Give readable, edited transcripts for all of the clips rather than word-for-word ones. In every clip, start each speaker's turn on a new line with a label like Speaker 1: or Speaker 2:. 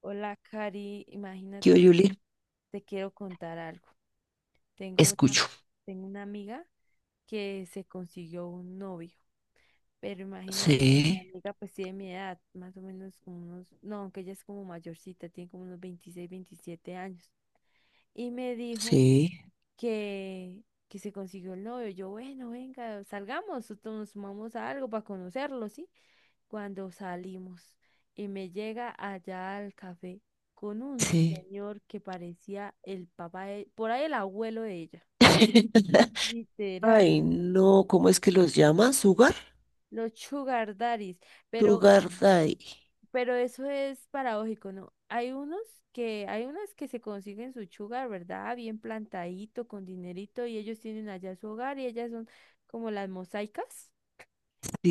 Speaker 1: Hola, Cari,
Speaker 2: Yo,
Speaker 1: imagínate que
Speaker 2: Julie,
Speaker 1: te quiero contar algo. Tengo una,
Speaker 2: escucho.
Speaker 1: tengo una amiga que se consiguió un novio, pero imagínate que mi
Speaker 2: Sí,
Speaker 1: amiga pues tiene mi edad, más o menos como unos, no, aunque ella es como mayorcita, tiene como unos 26, 27 años. Y me dijo
Speaker 2: sí,
Speaker 1: que, que se consiguió el novio. Yo, bueno, venga, salgamos, nosotros nos sumamos a algo para conocerlo, ¿sí? Cuando salimos y me llega allá al café con un
Speaker 2: sí.
Speaker 1: señor que parecía el papá de, por ahí el abuelo de ella, literal,
Speaker 2: Ay, no, ¿cómo es que los llama? ¿Sugar?
Speaker 1: los sugar daddies, pero, eh,
Speaker 2: Sugar Daddy.
Speaker 1: pero eso es paradójico, ¿no? Hay unas que se consiguen su sugar, ¿verdad? Bien plantadito, con dinerito, y ellos tienen allá su hogar y ellas son como las mosaicas.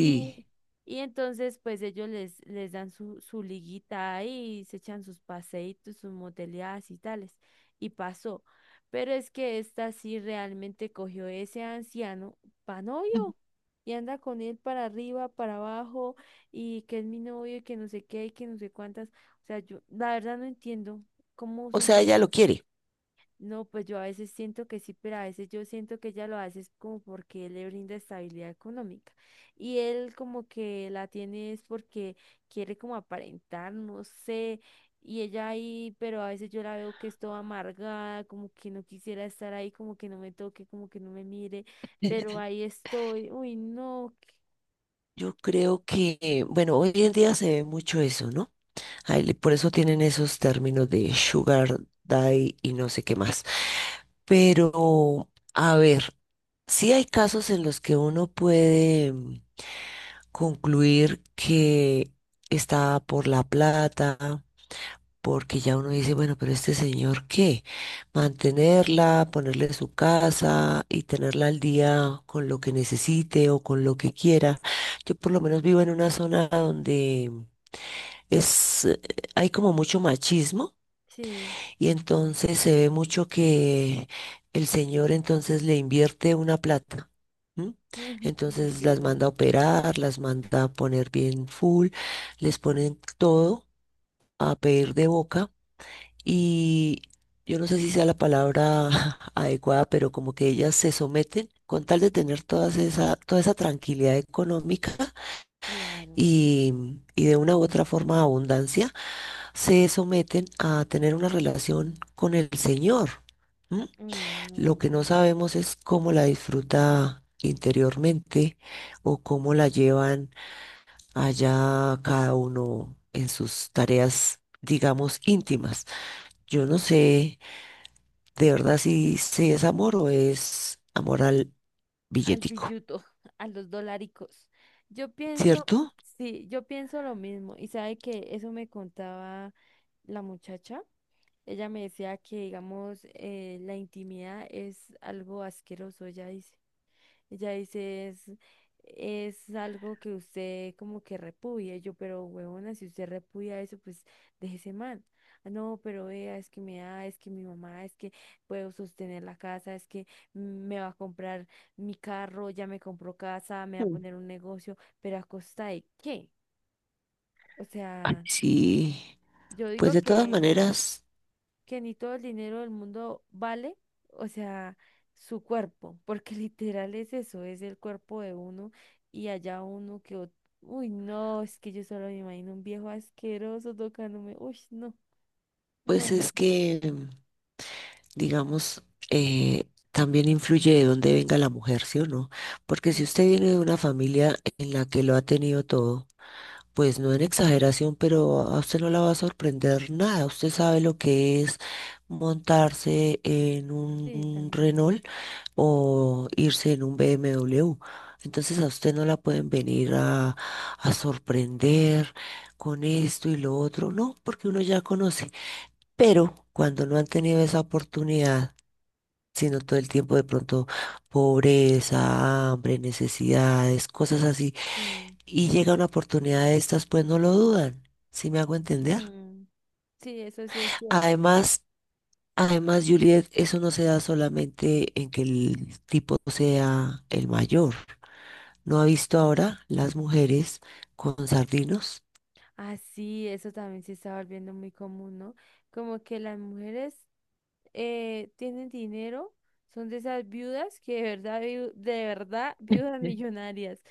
Speaker 1: Y, y entonces, pues ellos les dan su liguita ahí, y se echan sus paseitos, sus moteleadas y tales. Y pasó. Pero es que esta sí realmente cogió ese anciano pa' novio. Y anda con él para arriba, para abajo, y que es mi novio, y que no sé qué, y que no sé cuántas. O sea, yo la verdad no entiendo cómo
Speaker 2: O
Speaker 1: son
Speaker 2: sea, ella
Speaker 1: capaces.
Speaker 2: lo quiere.
Speaker 1: No, pues yo a veces siento que sí, pero a veces yo siento que ella lo hace es como porque él le brinda estabilidad económica. Y él como que la tiene es porque quiere como aparentar, no sé. Y ella ahí, pero a veces yo la veo que es toda amargada, como que no quisiera estar ahí, como que no me toque, como que no me mire, pero ahí estoy. Uy, no.
Speaker 2: Yo creo que, bueno, hoy en día se ve mucho eso, ¿no? Ay, le- por eso tienen esos términos de Sugar Daddy y no sé qué más. Pero, a ver, sí hay casos en los que uno puede concluir que está por la plata, porque ya uno dice, bueno, pero este señor, ¿qué? Mantenerla, ponerle su casa y tenerla al día con lo que necesite o con lo que quiera. Yo por lo menos vivo en una zona donde es, hay como mucho machismo
Speaker 1: Sí,
Speaker 2: y entonces se ve mucho que el señor entonces le invierte una plata. ¿M?
Speaker 1: ujú,
Speaker 2: Entonces las
Speaker 1: literal.
Speaker 2: manda a operar, las manda a poner bien full, les ponen todo a pedir de boca y yo no sé si sea la palabra adecuada, pero como que ellas se someten con tal de tener toda esa tranquilidad económica
Speaker 1: Claro.
Speaker 2: y, y de una u otra forma abundancia, se someten a tener una relación con el señor. ¿M?
Speaker 1: Uy,
Speaker 2: Lo
Speaker 1: no.
Speaker 2: que no sabemos es cómo la disfruta interiormente o cómo la llevan allá cada uno en sus tareas, digamos, íntimas. Yo no sé de verdad si, si es amor o es amor al
Speaker 1: Al
Speaker 2: billetico,
Speaker 1: billuto, a los dolaricos. Yo pienso,
Speaker 2: ¿cierto?
Speaker 1: sí, yo pienso lo mismo. Y sabe que eso me contaba la muchacha. Ella me decía que, digamos, la intimidad es algo asqueroso, ella dice. Ella dice, es algo que usted como que repudia. Y yo, pero huevona, si usted repudia eso, pues déjese mal. "Ah, no, pero vea, es que me da, es que mi mamá, es que puedo sostener la casa, es que me va a comprar mi carro, ya me compró casa, me va a
Speaker 2: Mm.
Speaker 1: poner un negocio, pero ¿a costa de qué? O
Speaker 2: Ay,
Speaker 1: sea,
Speaker 2: sí,
Speaker 1: yo
Speaker 2: pues
Speaker 1: digo
Speaker 2: de todas maneras,
Speaker 1: que ni todo el dinero del mundo vale, o sea, su cuerpo, porque literal es eso, es el cuerpo de uno y allá uno que, uy, no, es que yo solo me imagino un viejo asqueroso tocándome, uy, no, no,
Speaker 2: pues
Speaker 1: no,
Speaker 2: es que digamos, eh, también influye de dónde venga la mujer, ¿sí o no? Porque si
Speaker 1: sí,
Speaker 2: usted viene de una familia en la que lo ha tenido todo, pues no en exageración, pero a usted no la va a sorprender nada. Usted sabe lo que es montarse en
Speaker 1: sí,
Speaker 2: un
Speaker 1: también,
Speaker 2: Renault o irse en un BMW. Entonces a usted no la pueden venir a sorprender con esto y lo otro, no, porque uno ya conoce. Pero cuando no han tenido esa oportunidad, sino todo el tiempo de pronto pobreza, hambre, necesidades, cosas así.
Speaker 1: sí,
Speaker 2: Y llega una oportunidad de estas, pues no lo dudan, ¿si me hago entender?
Speaker 1: mm, sí, eso sí es cierto.
Speaker 2: Además, además, Juliet, eso no se da solamente en que el tipo sea el mayor. ¿No ha visto ahora las mujeres con sardinos?
Speaker 1: Ah, sí, eso también se está volviendo muy común, ¿no? Como que las mujeres tienen dinero, son de esas viudas que de verdad, de verdad, viudas millonarias.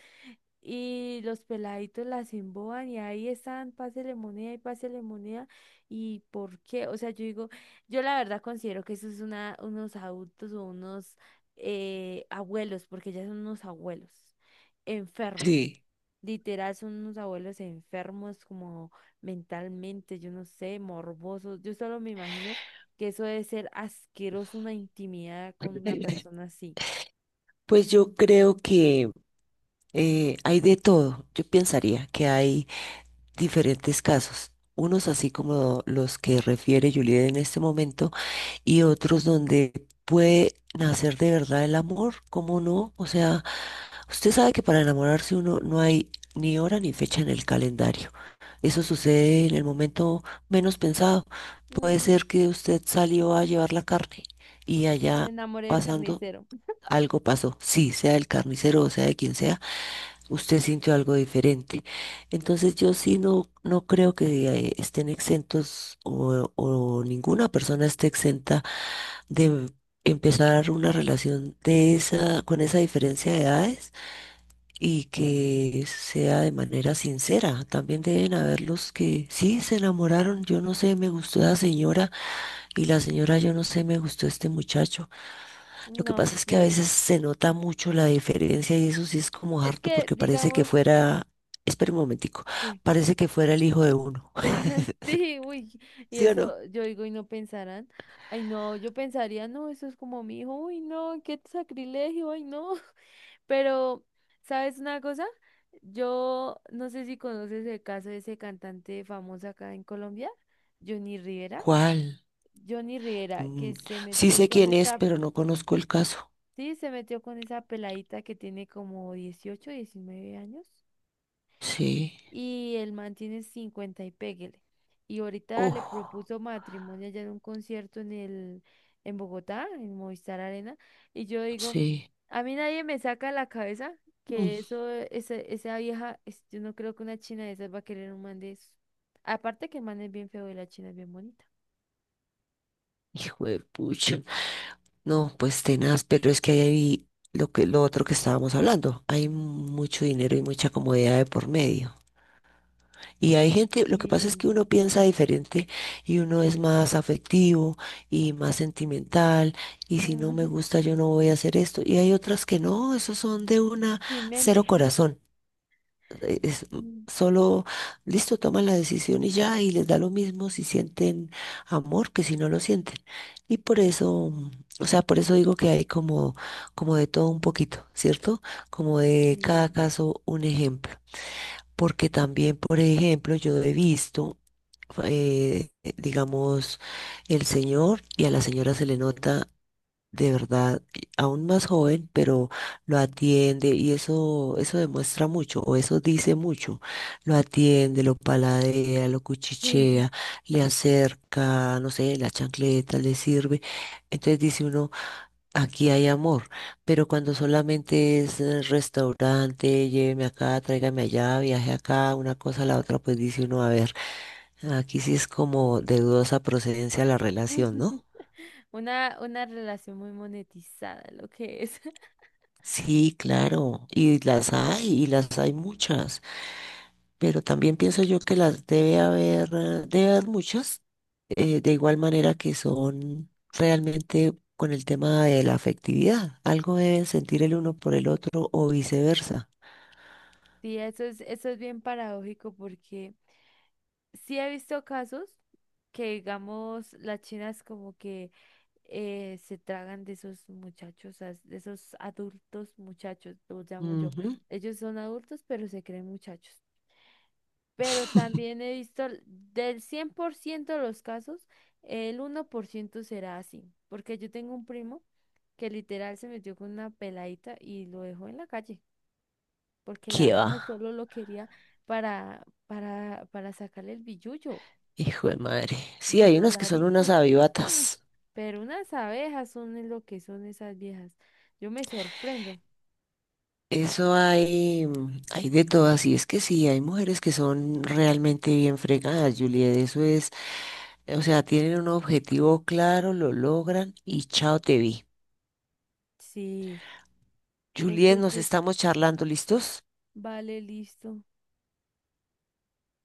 Speaker 1: Y los peladitos las emboban y ahí están, pásele moneda. ¿Y por qué? O sea, yo digo, yo la verdad considero que eso es unos adultos o unos abuelos, porque ya son unos abuelos enfermos.
Speaker 2: Sí.
Speaker 1: Literal, son unos abuelos enfermos como mentalmente, yo no sé, morbosos. Yo solo me imagino que eso debe ser asqueroso, una intimidad con una persona así.
Speaker 2: Pues yo creo que hay de todo. Yo pensaría que hay diferentes casos, unos así como los que refiere Juliet en este momento y otros donde puede nacer de verdad el amor, ¿cómo no? O sea, usted sabe que para enamorarse uno no hay ni hora ni fecha en el calendario. Eso sucede en el momento menos pensado. Puede
Speaker 1: Mm,
Speaker 2: ser que usted salió a llevar la carne y
Speaker 1: me
Speaker 2: allá
Speaker 1: enamoré del
Speaker 2: pasando
Speaker 1: carnicero.
Speaker 2: algo pasó, sí, sea el carnicero o sea de quien sea, usted sintió algo diferente. Entonces yo sí no, no creo que estén exentos o ninguna persona esté exenta de empezar una relación de esa, con esa diferencia de edades y que sea de manera sincera. También deben haber los que sí se enamoraron, yo no sé, me gustó la señora y la señora, yo no sé, me gustó este muchacho. Lo que
Speaker 1: No
Speaker 2: pasa es que a
Speaker 1: sé.
Speaker 2: veces se nota mucho la diferencia y eso sí es como
Speaker 1: Es
Speaker 2: harto
Speaker 1: que,
Speaker 2: porque parece que
Speaker 1: digamos,
Speaker 2: fuera, espera un momentico,
Speaker 1: sí.
Speaker 2: parece que fuera el hijo de uno.
Speaker 1: Sí, uy, y
Speaker 2: ¿Sí o no?
Speaker 1: eso yo digo, y no pensarán, ay, no, yo pensaría, no, eso es como mi hijo, uy, no, qué sacrilegio, ay, no, pero, ¿sabes una cosa? Yo no sé si conoces el caso de ese cantante famoso acá en Colombia, Johnny Rivera,
Speaker 2: ¿Cuál?
Speaker 1: Johnny Rivera,
Speaker 2: Mm,
Speaker 1: que se
Speaker 2: sí
Speaker 1: metió
Speaker 2: sé
Speaker 1: con
Speaker 2: quién es,
Speaker 1: esta,
Speaker 2: pero no conozco el caso.
Speaker 1: sí, se metió con esa peladita que tiene como 18 19 años.
Speaker 2: Sí.
Speaker 1: Y el man tiene 50 y péguele. Y ahorita le
Speaker 2: Oh,
Speaker 1: propuso matrimonio allá en un concierto en el, en Bogotá, en Movistar Arena, y yo digo,
Speaker 2: sí.
Speaker 1: a mí nadie me saca de la cabeza
Speaker 2: Mm,
Speaker 1: que esa vieja, yo no creo que una china de esas va a querer un man de eso. Aparte que el man es bien feo y la china es bien bonita.
Speaker 2: hijo de pucha. No, pues tenaz, pero es que ahí hay lo que, lo otro que estábamos hablando. Hay mucho dinero y mucha comodidad de por medio. Y hay gente, lo que pasa es
Speaker 1: Sí.
Speaker 2: que uno piensa diferente y uno es más afectivo y más sentimental y si no me
Speaker 1: Mm,
Speaker 2: gusta yo no voy a hacer esto. Y hay otras que no, esos son de una
Speaker 1: sin
Speaker 2: cero
Speaker 1: mente.
Speaker 2: corazón. Es
Speaker 1: Mm,
Speaker 2: solo, listo, toman la decisión y ya y les da lo mismo si sienten amor que si no lo sienten. Y por eso, mm, o sea, por eso digo que hay como, como de todo un poquito, ¿cierto? Como de cada
Speaker 1: sí.
Speaker 2: caso un ejemplo. Porque también, por ejemplo, yo he visto eh, digamos, el señor y a la señora se le nota de verdad aún más joven, pero lo atiende y eso demuestra mucho o eso dice mucho. Lo atiende, lo paladea, lo
Speaker 1: Sí.
Speaker 2: cuchichea, le acerca, no sé, la chancleta le sirve. Entonces dice uno, aquí hay amor, pero cuando solamente es restaurante, lléveme acá, tráigame allá, viaje acá, una cosa a la otra, pues dice uno, a ver, aquí sí es como de dudosa procedencia la relación, ¿no?
Speaker 1: Una relación muy monetizada, lo que es.
Speaker 2: Sí, claro, y las hay muchas, pero también pienso yo que las debe haber muchas, de igual manera que son realmente con el tema de la afectividad, algo deben sentir el uno por el otro o viceversa.
Speaker 1: Sí, eso es bien paradójico porque sí he visto casos que, digamos, las chinas como que se tragan de esos muchachos, de esos adultos muchachos, los llamo yo. Ellos son adultos, pero se creen muchachos. Pero también he visto del 100% de los casos, el 1% será así, porque yo tengo un primo que literal se metió con una peladita y lo dejó en la calle porque la
Speaker 2: ¿Qué
Speaker 1: vieja
Speaker 2: va?
Speaker 1: solo lo quería para sacarle el billullo,
Speaker 2: Hijo de madre. Sí,
Speaker 1: los
Speaker 2: hay unos que son unas
Speaker 1: dolaricos. Mm,
Speaker 2: avivatas.
Speaker 1: pero unas abejas son es lo que son esas viejas. Yo me sorprendo.
Speaker 2: Eso hay, mm, hay de todas. Y es que sí, hay mujeres que son realmente bien fregadas, Juliet. Eso es, o sea, tienen un objetivo claro, lo logran y chao te vi.
Speaker 1: Sí,
Speaker 2: Juliet, nos
Speaker 1: entonces,
Speaker 2: estamos charlando, ¿listos?
Speaker 1: vale, listo.